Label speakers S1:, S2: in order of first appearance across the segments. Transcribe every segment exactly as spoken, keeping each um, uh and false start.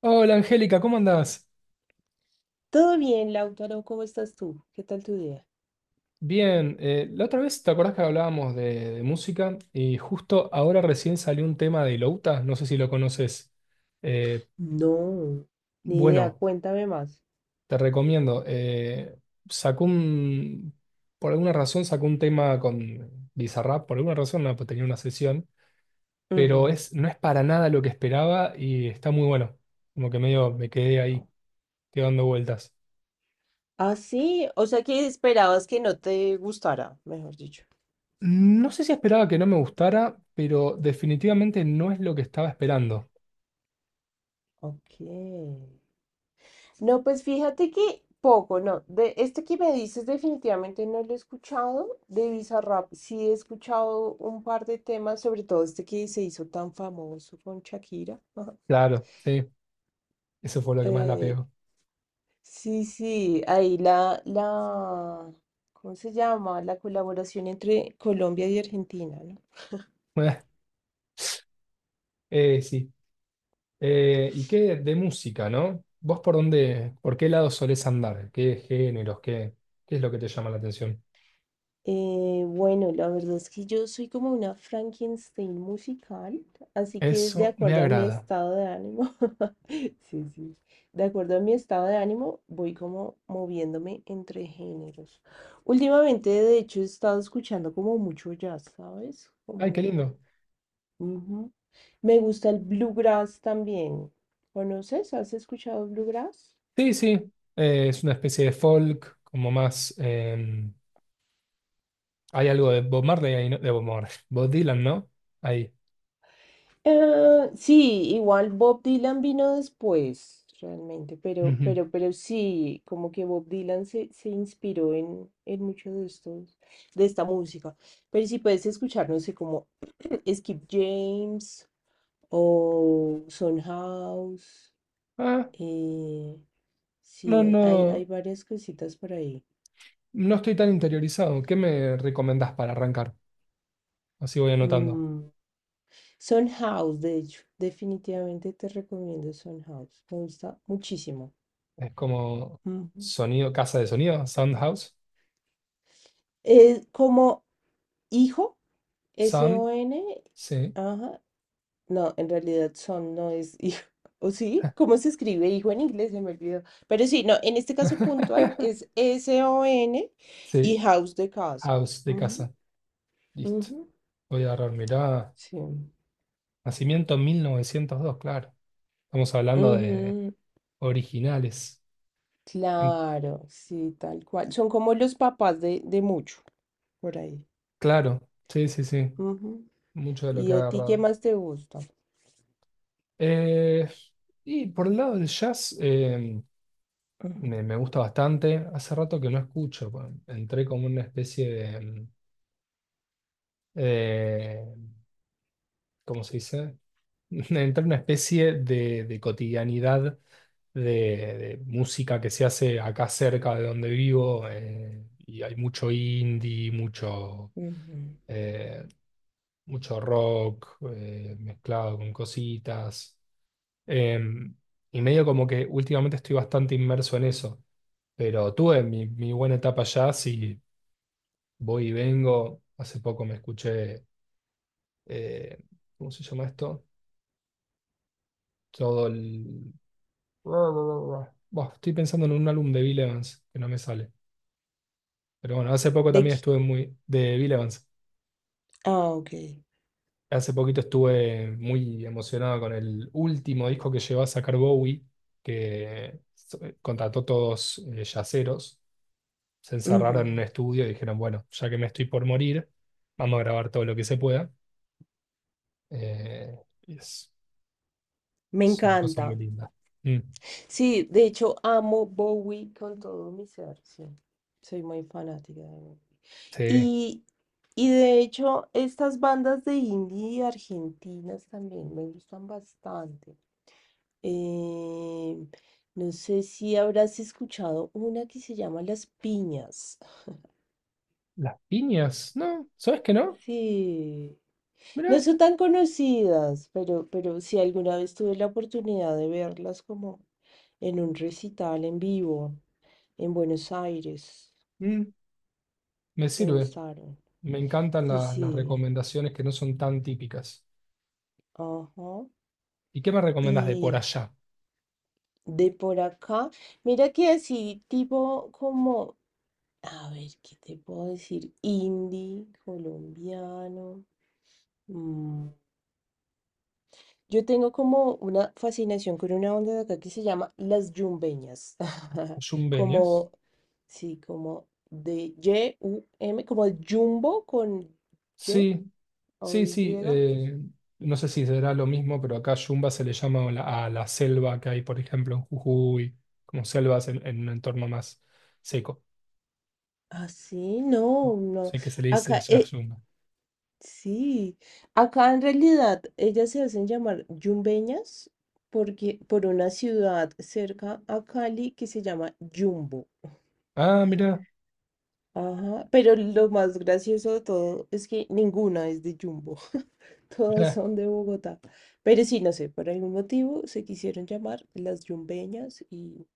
S1: Hola Angélica, ¿cómo andás?
S2: Todo bien, Lautaro, ¿cómo estás tú? ¿Qué tal tu día?
S1: Bien, eh, la otra vez te acordás que hablábamos de, de música y justo ahora recién salió un tema de Louta, no sé si lo conoces. Eh,
S2: No, ni idea,
S1: bueno,
S2: cuéntame más.
S1: te recomiendo. eh, sacó un, por alguna razón sacó un tema con Bizarrap, por alguna razón no, pues tenía una sesión, pero
S2: Ujú.
S1: es, no es para nada lo que esperaba y está muy bueno. Como que medio me quedé ahí,
S2: Au.
S1: quedando vueltas.
S2: Ah, sí, o sea que esperabas que no te gustara, mejor dicho.
S1: No sé si esperaba que no me gustara, pero definitivamente no es lo que estaba esperando.
S2: Ok. No, pues fíjate que poco, no. De este que me dices definitivamente no lo he escuchado. De Bizarrap sí he escuchado un par de temas, sobre todo este que se hizo tan famoso con Shakira.
S1: Claro, sí, eso fue lo que más la
S2: Eh,
S1: pegó.
S2: Sí, sí, ahí la, la, ¿cómo se llama? La colaboración entre Colombia y Argentina, ¿no?
S1: Eh, sí. Eh, ¿y qué de música, no? ¿Vos por dónde, por qué lado solés andar? ¿Qué géneros? ¿Qué, ¿qué es lo que te llama la atención?
S2: Eh, bueno, la verdad es que yo soy como una Frankenstein musical, así que de
S1: Eso me
S2: acuerdo a mi
S1: agrada.
S2: estado de ánimo, sí, sí, de acuerdo a mi estado de ánimo, voy como moviéndome entre géneros. Últimamente, de hecho, he estado escuchando como mucho jazz, ¿sabes?
S1: Ay, qué
S2: Como,
S1: lindo.
S2: ujú. Me gusta el bluegrass también. ¿Conoces? ¿Has escuchado bluegrass?
S1: Sí, sí. Eh, es una especie de folk, como más. Em, hay algo de Bob Marley ahí, ¿no? De Bob Marley. Bob Dylan, ¿no? Ahí.
S2: Ah, sí, igual Bob Dylan vino después, realmente, pero,
S1: Ujú.
S2: pero, pero sí, como que Bob Dylan se, se inspiró en, en mucho de estos, de esta música. Pero si puedes escuchar, no sé, como Skip James o Son House,
S1: Ah,
S2: eh,
S1: no,
S2: sí, hay, hay, hay
S1: no.
S2: varias cositas por ahí.
S1: No estoy tan interiorizado. ¿Qué me recomendás para arrancar? Así voy anotando.
S2: Mm, Son House, de hecho, definitivamente te recomiendo Son House. Me gusta muchísimo.
S1: Es como
S2: Ujú.
S1: sonido, casa de sonido, sound house.
S2: Es como hijo,
S1: Sound,
S2: S O N,
S1: sí.
S2: ajá. No, en realidad son no es hijo. ¿O sí? ¿Cómo se escribe hijo en inglés? Se me olvidó. Pero sí, no, en este caso puntual es S O N
S1: Sí,
S2: y House de casa.
S1: house de
S2: Ujú,
S1: casa. Listo.
S2: ujú.
S1: Voy a agarrar, mirá.
S2: Sí.
S1: Nacimiento mil novecientos dos, claro. Estamos hablando de
S2: Ujú.
S1: originales. En-
S2: Claro, sí, tal cual. Son como los papás de, de mucho, por ahí.
S1: claro, sí, sí, sí. Mucho de lo
S2: ¿Y
S1: que ha
S2: a ti qué
S1: agarrado.
S2: más te gusta?
S1: Eh, y por el lado del jazz, eh, Me,
S2: Ujú,
S1: me gusta bastante. Hace rato que no escucho. pa- Entré como una especie de, mm, eh, ¿cómo se dice? Entré en una especie de, de cotidianidad de, de música que se hace acá cerca de donde vivo. Eh, y hay mucho indie, mucho,
S2: ujú.
S1: eh, mucho rock eh, mezclado con cositas. Em, y medio como que últimamente estoy bastante inmerso en eso. Pero tuve mi, mi buena etapa allá, sí, voy y vengo. Hace poco me escuché, eh, ¿cómo se llama esto? Todo el... Buah, estoy pensando en un álbum de Bill Evans, que no me sale. Pero bueno, hace poco
S2: De
S1: también
S2: qui-
S1: estuve muy... de Bill Evans.
S2: Ah, ok.
S1: Hace poquito estuve muy emocionado con el último disco que llevó a sacar Bowie, que so- eh, contrató todos eh, yaceros. Se encerraron en un
S2: Ujú.
S1: estudio y dijeron, bueno, ya que me estoy por morir, vamos a grabar todo lo que se pueda. Eh, y es,
S2: Me
S1: es una cosa muy
S2: encanta.
S1: linda. Mm,
S2: Sí, de hecho amo Bowie con todo mi ser, sí. Soy muy fanática de Bowie.
S1: sí.
S2: Y, y de hecho estas bandas de indie argentinas también me gustan bastante. Eh, no sé si habrás escuchado una que se llama Las Piñas.
S1: Las piñas, ¿no? ¿Sabes que no?
S2: Sí.
S1: Mirá,
S2: No son tan conocidas, pero, pero sí alguna vez tuve la oportunidad de verlas como en un recital en vivo en Buenos Aires.
S1: mm, me
S2: Me
S1: sirve.
S2: gustaron.
S1: Me encantan
S2: Sí,
S1: la- las
S2: sí.
S1: recomendaciones que no son tan típicas.
S2: Ajá.
S1: ¿Y qué me recomendas de por
S2: Y
S1: allá?
S2: de por acá, mira que así, tipo como, a ver, ¿qué te puedo decir? Indie, colombiano. Mm, yo tengo como una fascinación con una banda de acá que se llama Las Yumbeñas.
S1: ¿Yumbenias?
S2: Como, sí, como de Y U M, como de Jumbo con Y
S1: Sí,
S2: o
S1: sí,
S2: Y.
S1: sí. Eh, no sé si será lo mismo, pero acá Yumba se le llama a la, a la selva que hay, por ejemplo, en Jujuy, como selvas en, en un entorno más seco.
S2: Así, no, no.
S1: Sé que se le dice
S2: Acá,
S1: allá
S2: eh,
S1: Yumba.
S2: sí. Acá en realidad ellas se hacen llamar Yumbeñas porque, por una ciudad cerca a Cali que se llama Jumbo.
S1: Ah, mira.
S2: Ajá, pero lo más gracioso de todo es que ninguna es de Jumbo. Todas son de Bogotá. Pero sí, no sé, por algún motivo se quisieron llamar las yumbeñas y,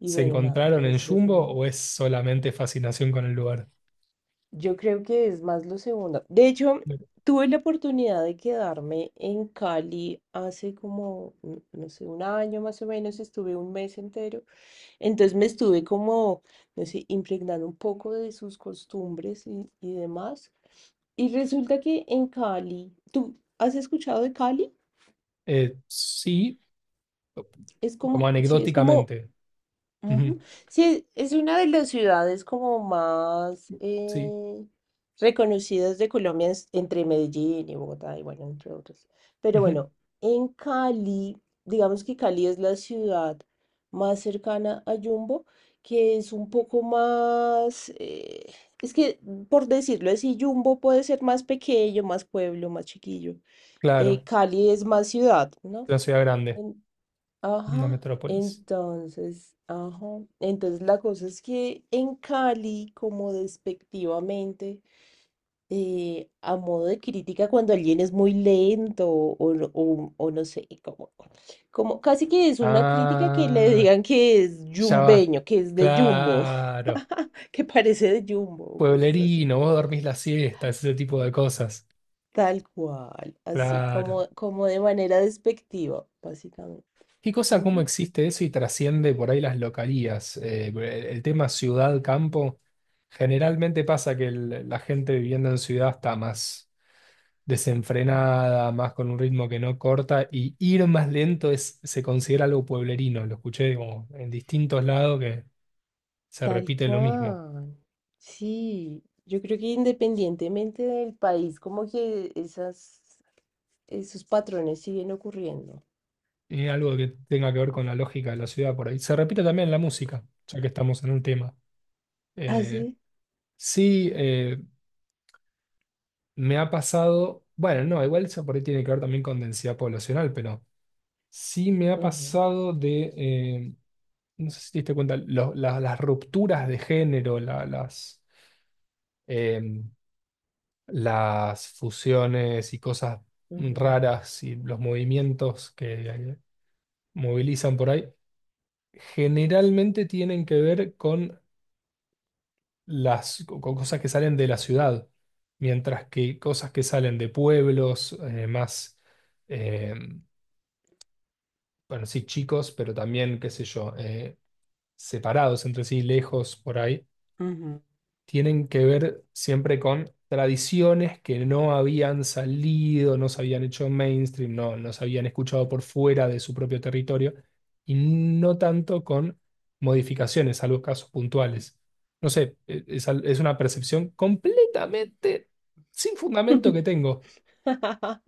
S2: y
S1: ¿Se
S2: bueno, nada, te
S1: encontraron en
S2: las
S1: Jumbo
S2: recomiendo.
S1: o es solamente fascinación con el lugar?
S2: Yo creo que es más lo segundo. De hecho, tuve la oportunidad de quedarme en Cali hace como, mm, no sé, un año más o menos, estuve un mes entero. Entonces me estuve como, no sé, impregnando un poco de sus costumbres y, y demás. Y resulta que en Cali, ¿tú has escuchado de Cali?
S1: Eh, sí,
S2: Es
S1: como
S2: como, sí, es como
S1: anecdóticamente.
S2: ujú.
S1: Ujú,
S2: Sí, es una de las ciudades como más
S1: sí,
S2: eh, reconocidas de Colombia es- entre Medellín y Bogotá y bueno, entre otros. Pero
S1: ujú,
S2: bueno, en Cali, digamos que Cali es la ciudad más cercana a Yumbo, que es un poco más, eh, es que mm, por decirlo así, Yumbo puede ser más pequeño, más pueblo, más chiquillo. Eh,
S1: claro,
S2: Cali es más ciudad, ¿no?
S1: una ciudad grande, una
S2: Ajá,
S1: metrópolis.
S2: entonces, ajá, entonces la cosa es que en Cali, como despectivamente, eh, a modo de crítica, cuando alguien es muy lento o, no- o- o no sé, como, como casi que es una crítica que le
S1: Ah,
S2: digan que es
S1: ya va,
S2: yumbeño, que es de Jumbo,
S1: claro.
S2: que parece de Jumbo o cosas así.
S1: Pueblerino, vos dormís la siesta, ese tipo de cosas.
S2: Tal cual, así,
S1: Claro.
S2: como, como de manera despectiva, básicamente.
S1: Qué cosa, cómo existe eso y trasciende por ahí las localías. Eh, el el tema ciudad-campo, generalmente pasa que el- la gente viviendo en ciudad está más desenfrenada, más con un ritmo que no corta, y ir más lento es, se considera algo pueblerino. Lo escuché como en distintos lados que se
S2: Tal
S1: repite lo mismo.
S2: cual. Sí, yo creo que independientemente del país, como que esas, esos patrones siguen ocurriendo.
S1: Y algo que tenga que ver con la lógica de la ciudad por ahí. Se repite también en la música, ya que estamos en un tema.
S2: ¿Ah,
S1: Eh,
S2: sí?
S1: sí. eh, Me ha pasado, bueno, no, igual eso por ahí tiene que ver también con densidad poblacional, pero sí me ha
S2: Ujú.
S1: pasado de, eh, no sé si te diste cuenta, lo- la- las rupturas de género, la- las, eh, las fusiones y cosas
S2: Ujú.
S1: raras y los movimientos que eh, movilizan por ahí, generalmente tienen que ver con las con cosas que salen de la ciudad, mientras que cosas que salen de pueblos, eh, más... em, bueno, sí, chicos, pero también, qué sé yo, eh, separados entre sí, lejos por ahí,
S2: Ujú.
S1: tienen que ver siempre con tradiciones que no habían salido, no se habían hecho mainstream, no, no se habían escuchado por fuera de su propio territorio, y no tanto con modificaciones, salvo casos puntuales. No sé, eh, es, al- es una percepción completamente sin fundamento que tengo.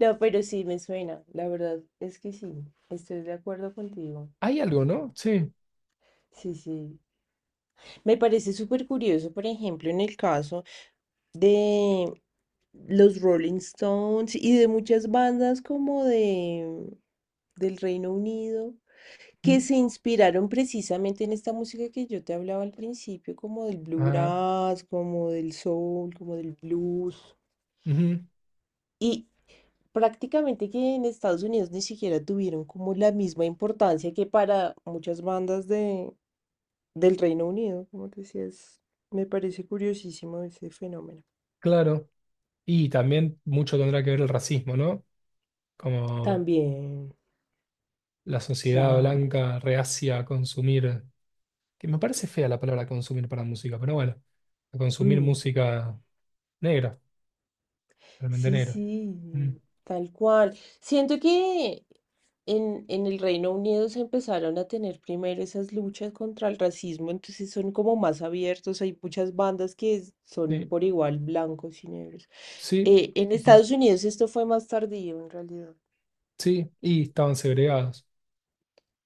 S2: No, pero sí me suena, la verdad es que sí, estoy de acuerdo contigo.
S1: Hay algo, ¿no? Sí.
S2: Sí, sí. Me parece súper curioso, por ejemplo, en el caso de los Rolling Stones y de muchas bandas como de del Reino Unido que
S1: Mm,
S2: se inspiraron precisamente en esta música que yo te hablaba al principio, como del
S1: ah,
S2: bluegrass, como del soul, como del blues.
S1: ujú,
S2: Y, prácticamente que en Estados Unidos ni siquiera tuvieron como la misma importancia que para muchas bandas de, del Reino Unido, como te decía, es- me parece curiosísimo ese fenómeno.
S1: claro. Y también mucho tendrá que ver el racismo, ¿no? Como
S2: También,
S1: la sociedad
S2: claro.
S1: blanca reacia a consumir, que me parece fea la palabra consumir para música, pero bueno, a consumir música negra, realmente
S2: Sí,
S1: negra. Mm,
S2: sí, tal cual. Siento que en, en el Reino Unido se empezaron a tener primero esas luchas contra el racismo, entonces son como más abiertos, hay muchas bandas que es- son
S1: sí,
S2: por igual blancos y negros.
S1: sí,
S2: Eh, en
S1: sí,
S2: Estados Unidos esto fue más tardío en realidad.
S1: sí, y estaban segregados,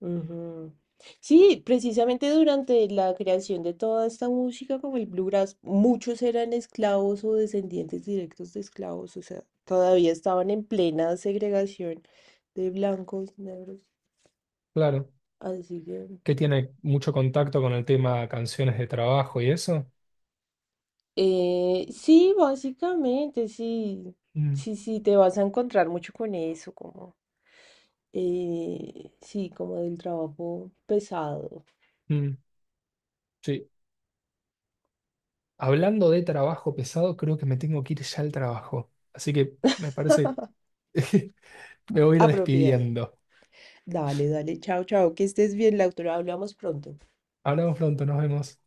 S2: Ujú. Sí, precisamente durante la creación de toda esta música, como el bluegrass, muchos eran esclavos o descendientes directos de esclavos, o sea, todavía estaban en plena segregación de blancos, negros,
S1: claro.
S2: así que...
S1: Que tiene mucho contacto con el tema canciones de trabajo y eso.
S2: eh, sí, básicamente, sí,
S1: Mm,
S2: sí, sí, te vas a encontrar mucho con eso, como, eh, sí, como del trabajo pesado,
S1: mm, sí. Hablando de trabajo pesado, creo que me tengo que ir ya al trabajo. Así que me parece me voy a ir
S2: apropiado.
S1: despidiendo.
S2: Dale, dale, chao, chao, que estés bien, la autora, hablamos pronto.
S1: Hablamos pronto, nos vemos.